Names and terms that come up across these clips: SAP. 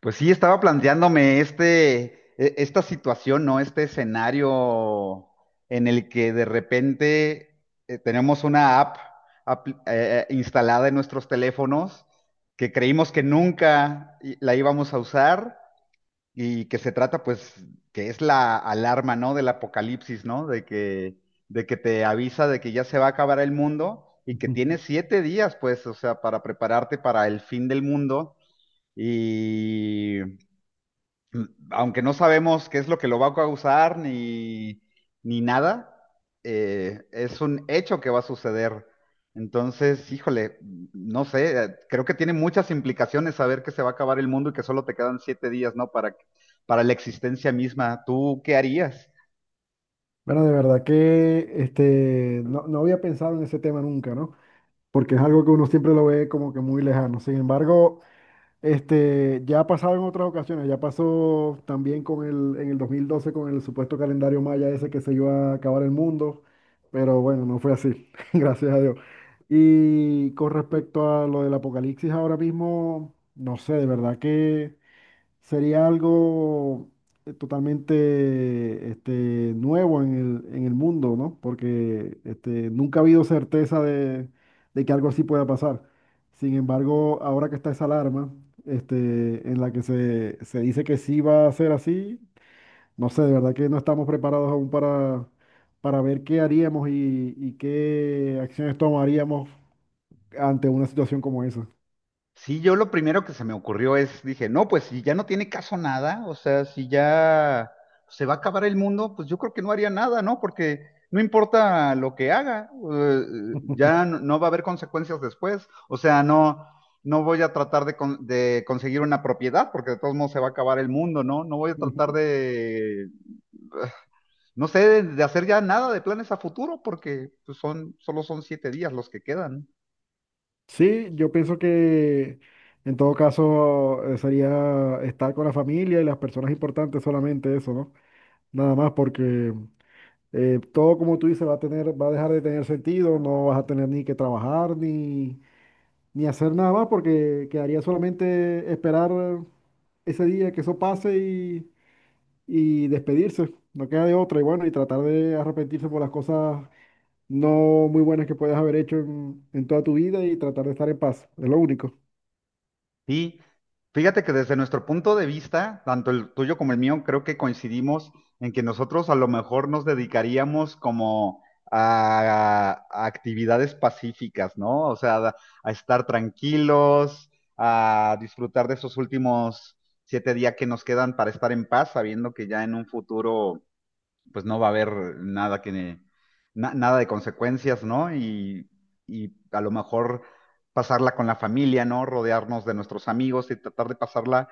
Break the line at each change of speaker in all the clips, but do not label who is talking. Pues sí, estaba planteándome esta situación, ¿no? Este escenario en el que de repente tenemos una app, instalada en nuestros teléfonos que creímos que nunca la íbamos a usar y que se trata, pues, que es la alarma, ¿no? Del apocalipsis, ¿no? De que te avisa de que ya se va a acabar el mundo y que
Ujú.
tienes 7 días, pues, o sea, para prepararte para el fin del mundo. Y aunque no sabemos qué es lo que lo va a causar ni nada, es un hecho que va a suceder. Entonces, híjole, no sé, creo que tiene muchas implicaciones saber que se va a acabar el mundo y que solo te quedan 7 días, ¿no? Para la existencia misma. ¿Tú qué harías?
Bueno, de verdad que no, no había pensado en ese tema nunca, ¿no? Porque es algo que uno siempre lo ve como que muy lejano. Sin embargo, ya ha pasado en otras ocasiones, ya pasó también en el 2012 con el supuesto calendario maya ese que se iba a acabar el mundo, pero bueno, no fue así, gracias a Dios. Y con respecto a lo del apocalipsis ahora mismo, no sé, de verdad que sería algo totalmente nuevo en el mundo, ¿no? Porque nunca ha habido certeza de que algo así pueda pasar. Sin embargo, ahora que está esa alarma, en la que se dice que sí va a ser así, no sé, de verdad que no estamos preparados aún para ver qué haríamos y qué acciones tomaríamos ante una situación como esa.
Sí, yo lo primero que se me ocurrió es, dije, no, pues si ya no tiene caso nada, o sea, si ya se va a acabar el mundo, pues yo creo que no haría nada, ¿no? Porque no importa lo que haga, ya no, no va a haber consecuencias después, o sea, no, no voy a tratar de conseguir una propiedad, porque de todos modos se va a acabar el mundo, ¿no? No voy a tratar de, no sé, de hacer ya nada de planes a futuro, porque pues, solo son 7 días los que quedan, ¿no?
Sí, yo pienso que en todo caso sería estar con la familia y las personas importantes, solamente eso, ¿no? Nada más porque todo, como tú dices, va a dejar de tener sentido, no vas a tener ni que trabajar ni hacer nada más, porque quedaría solamente esperar ese día que eso pase y despedirse, no queda de otra, y bueno, y tratar de arrepentirse por las cosas no muy buenas que puedes haber hecho en toda tu vida, y tratar de estar en paz, es lo único.
Sí, fíjate que desde nuestro punto de vista, tanto el tuyo como el mío, creo que coincidimos en que nosotros a lo mejor nos dedicaríamos como a actividades pacíficas, ¿no? O sea, a estar tranquilos, a disfrutar de esos últimos 7 días que nos quedan para estar en paz, sabiendo que ya en un futuro pues no va a haber nada que, na- nada de consecuencias, ¿no? Y a lo mejor pasarla con la familia, ¿no? Rodearnos de nuestros amigos y tratar de pasarla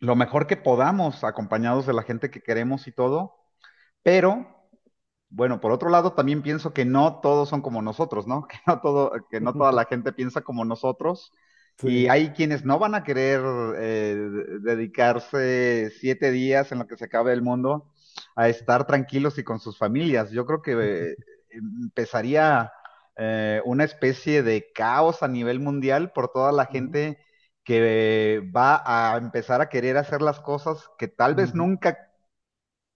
lo mejor que podamos, acompañados de la gente que queremos y todo, pero bueno, por otro lado, también pienso que no todos son como nosotros, ¿no? Que no toda la gente piensa como nosotros. Y
Sí.
hay quienes no van a querer dedicarse 7 días en lo que se acabe el mundo a estar tranquilos y con sus familias. Yo creo que eh, empezaría una especie de caos a nivel mundial por toda la
Ujú,
gente que va a empezar a querer hacer las cosas que tal vez
ujú.
nunca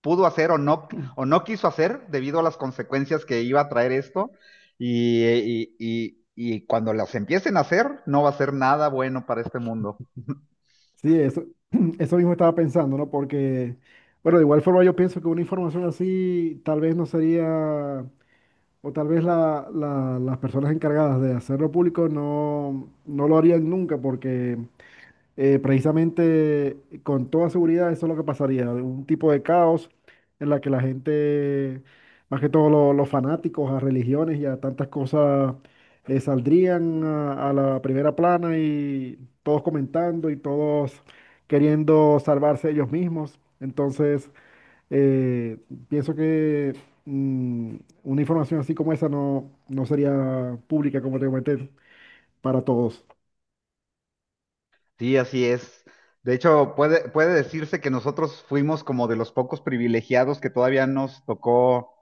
pudo hacer o no quiso hacer debido a las consecuencias que iba a traer esto. Y cuando las empiecen a hacer, no va a ser nada bueno para este mundo.
Sí, eso, eso mismo estaba pensando, ¿no? Porque, bueno, de igual forma yo pienso que una información así tal vez no sería, o tal vez las personas encargadas de hacerlo público no, no lo harían nunca, porque precisamente, con toda seguridad, eso es lo que pasaría, un tipo de caos en la que la gente, más que todo los fanáticos a religiones y a tantas cosas, saldrían a la primera plana, y todos comentando y todos queriendo salvarse ellos mismos. Entonces, eh, pienso que mm, una información así como esa no, no sería pública, como te comenté, para todos.
Sí, así es. De hecho, puede decirse que nosotros fuimos como de los pocos privilegiados que todavía nos tocó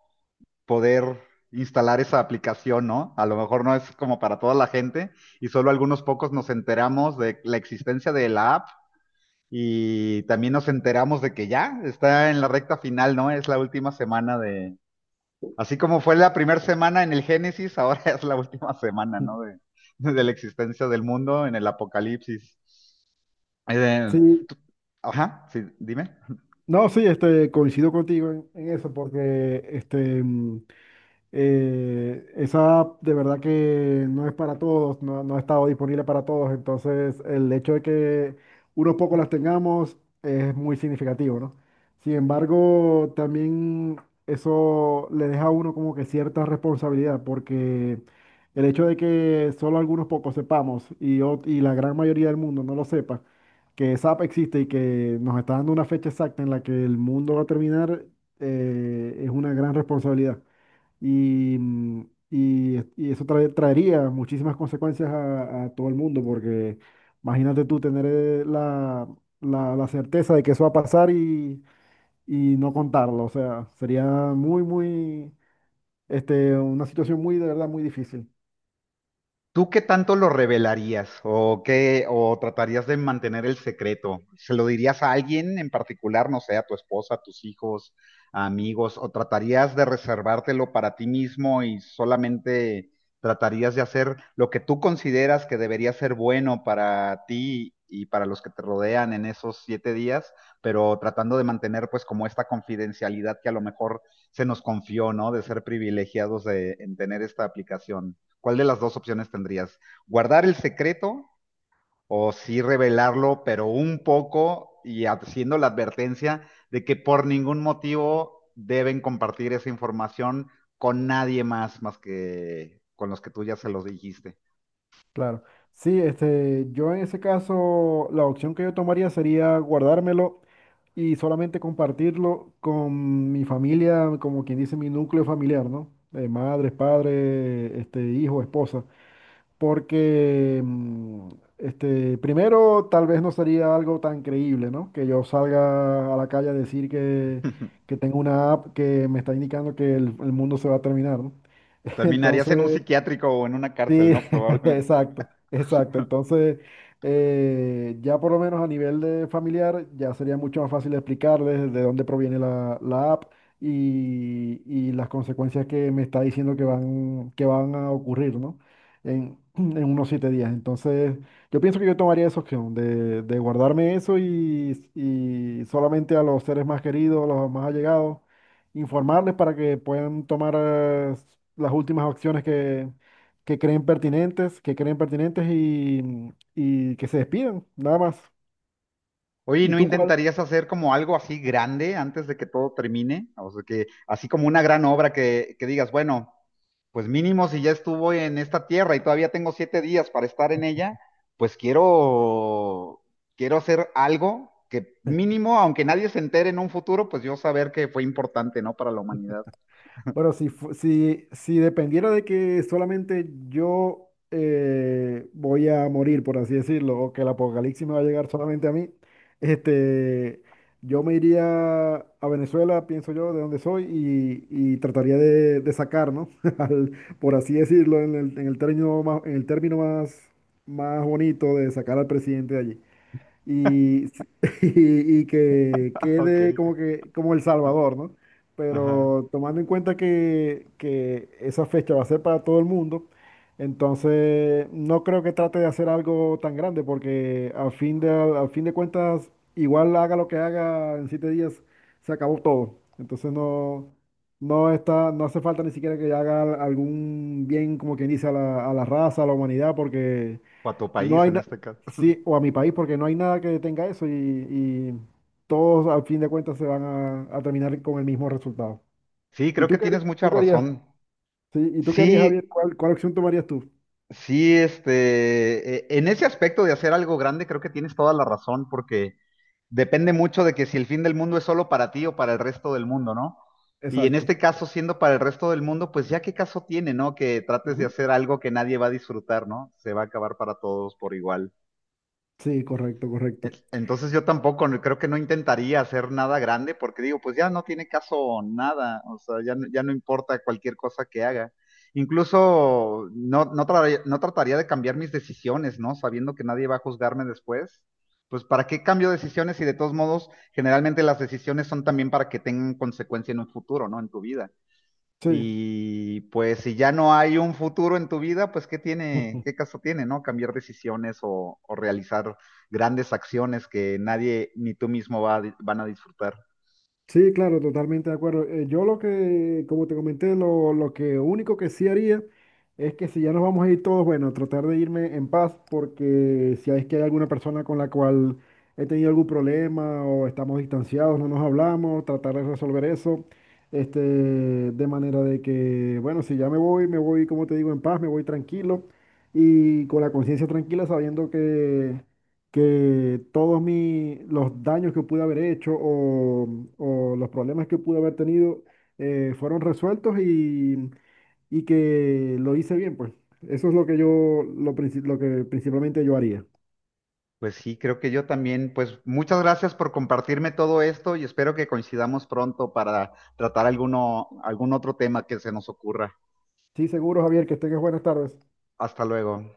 poder instalar esa aplicación, ¿no? A lo mejor no es como para toda la gente y solo algunos pocos nos enteramos de la existencia de la app. Y también nos enteramos de que ya está en la recta final, ¿no? Es la última semana de... Así como fue la primera semana en el Génesis, ahora es la última semana, ¿no? De la existencia del mundo en el Apocalipsis. Eh,
Sí,
tú- Ajá, sí, dime.
no, sí, coincido contigo en eso, porque esa de verdad que no es para todos, no, no ha estado disponible para todos. Entonces, el hecho de que unos pocos las tengamos es muy significativo, ¿no? Sin embargo, también eso le deja a uno como que cierta responsabilidad, porque el hecho de que solo algunos pocos sepamos y la gran mayoría del mundo no lo sepa, que SAP existe y que nos está dando una fecha exacta en la que el mundo va a terminar, es una gran responsabilidad. Y, mm, y eso traería muchísimas consecuencias a todo el mundo, porque imagínate tú tener la certeza de que eso va a pasar y no contarlo. O sea, sería muy, muy, una situación muy, de verdad, muy difícil.
¿Tú qué tanto lo revelarías o qué o tratarías de mantener el secreto? ¿Se lo dirías a alguien en particular, no sé, a tu esposa, a tus hijos, a amigos, o tratarías de reservártelo para ti mismo y solamente tratarías de hacer lo que tú consideras que debería ser bueno para ti y para los que te rodean en esos 7 días, pero tratando de mantener pues como esta confidencialidad que a lo mejor se nos confió, ¿no? De ser privilegiados de, en tener esta aplicación. ¿Cuál de las dos opciones tendrías? ¿Guardar el secreto o sí revelarlo, pero un poco y haciendo la advertencia de que por ningún motivo deben compartir esa información con nadie más, más que con los que tú ya se los dijiste?
Claro. Sí, yo en ese caso, la opción que yo tomaría sería guardármelo y solamente compartirlo con mi familia, como quien dice, mi núcleo familiar, ¿no? Madres, padres, hijo, esposa. Porque, primero, tal vez no sería algo tan creíble, ¿no? Que yo salga a la calle a decir que, que tengo una app que me está indicando que el mundo se va a terminar, ¿no?
Terminarías en un
Entonces,
psiquiátrico o en una
sí,
cárcel, ¿no? Probablemente.
exacto, exacto. Entonces, ya por lo menos a nivel de familiar, ya sería mucho más fácil explicarles de dónde proviene la app y las consecuencias que me está diciendo que van a ocurrir, ¿no? En, en unos 7 días. Entonces, yo pienso que yo tomaría esa opción de guardarme eso y solamente a los seres más queridos, a los más allegados, informarles para que puedan tomar las últimas acciones que creen pertinentes, y que se despidan, nada más.
Oye,
¿Y
¿no
tú cuál?
intentarías hacer como algo así grande antes de que todo termine? O sea, que así como una gran obra que digas, bueno, pues mínimo si ya estuvo en esta tierra y todavía tengo 7 días para estar en ella, pues quiero, quiero hacer algo que mínimo, aunque nadie se entere en un futuro, pues yo saber que fue importante, ¿no? Para la humanidad.
Bueno, si dependiera de que solamente yo voy a morir, por así decirlo, o que el apocalipsis me va a llegar solamente a mí, este, yo me iría a Venezuela, pienso yo, de donde soy, y trataría de sacar, ¿no? Al- por así decirlo, en el en el término más, más bonito, de sacar al presidente de allí y, y que quede
Ok,
como que como El Salvador, ¿no?
ajá.
Pero tomando en cuenta que esa fecha va a ser para todo el mundo, entonces no creo que trate de hacer algo tan grande, porque al fin de cuentas, igual haga lo que haga en 7 días, se acabó todo. Entonces no, no está, no hace falta ni siquiera que haga algún bien, como quien dice, a la raza, a la humanidad, porque
O a tu
no
país
hay
en
nada,
este caso.
sí, o a mi país, porque no hay nada que detenga eso, y todos al fin de cuentas se van a terminar con el mismo resultado.
Sí,
¿Y
creo que
tú qué
tienes
harías?
mucha
¿Tú qué harías?
razón.
Sí, ¿y tú qué harías, Javier?
Sí,
¿Cuál opción tomarías tú?
sí, en ese aspecto de hacer algo grande, creo que tienes toda la razón, porque depende mucho de que si el fin del mundo es solo para ti o para el resto del mundo, ¿no? Y en
Exacto.
este caso, siendo para el resto del mundo, pues ya qué caso tiene, ¿no? Que trates de
Ujú.
hacer algo que nadie va a disfrutar, ¿no? Se va a acabar para todos por igual.
Sí, correcto, correcto.
Entonces yo tampoco, no- creo que no intentaría hacer nada grande porque digo, pues ya no tiene caso nada, o sea, ya, no- ya no importa cualquier cosa que haga. Incluso no, no, no trataría de cambiar mis decisiones, ¿no? Sabiendo que nadie va a juzgarme después. Pues ¿para qué cambio decisiones si de todos modos generalmente las decisiones son también para que tengan consecuencia en un futuro, ¿no? En tu vida.
Sí.
Y pues si ya no hay un futuro en tu vida, pues ¿qué tiene, qué caso tiene, ¿no? Cambiar decisiones o realizar grandes acciones que nadie ni tú mismo van a disfrutar.
Sí, claro, totalmente de acuerdo. Yo lo que, como te comenté, lo que único que sí haría es que si ya nos vamos a ir todos, bueno, tratar de irme en paz, porque si es que hay alguna persona con la cual he tenido algún problema o estamos distanciados, no nos hablamos, tratar de resolver eso, de manera de que, bueno, si ya me voy, como te digo, en paz, me voy tranquilo y con la conciencia tranquila, sabiendo que todos los daños que pude haber hecho o los problemas que pude haber tenido fueron resueltos, y que lo hice bien, pues. Eso es lo que principalmente yo haría.
Pues sí, creo que yo también, pues muchas gracias por compartirme todo esto y espero que coincidamos pronto para tratar algún otro tema que se nos ocurra.
Sí, seguro, Javier, que tengas buenas tardes.
Hasta luego.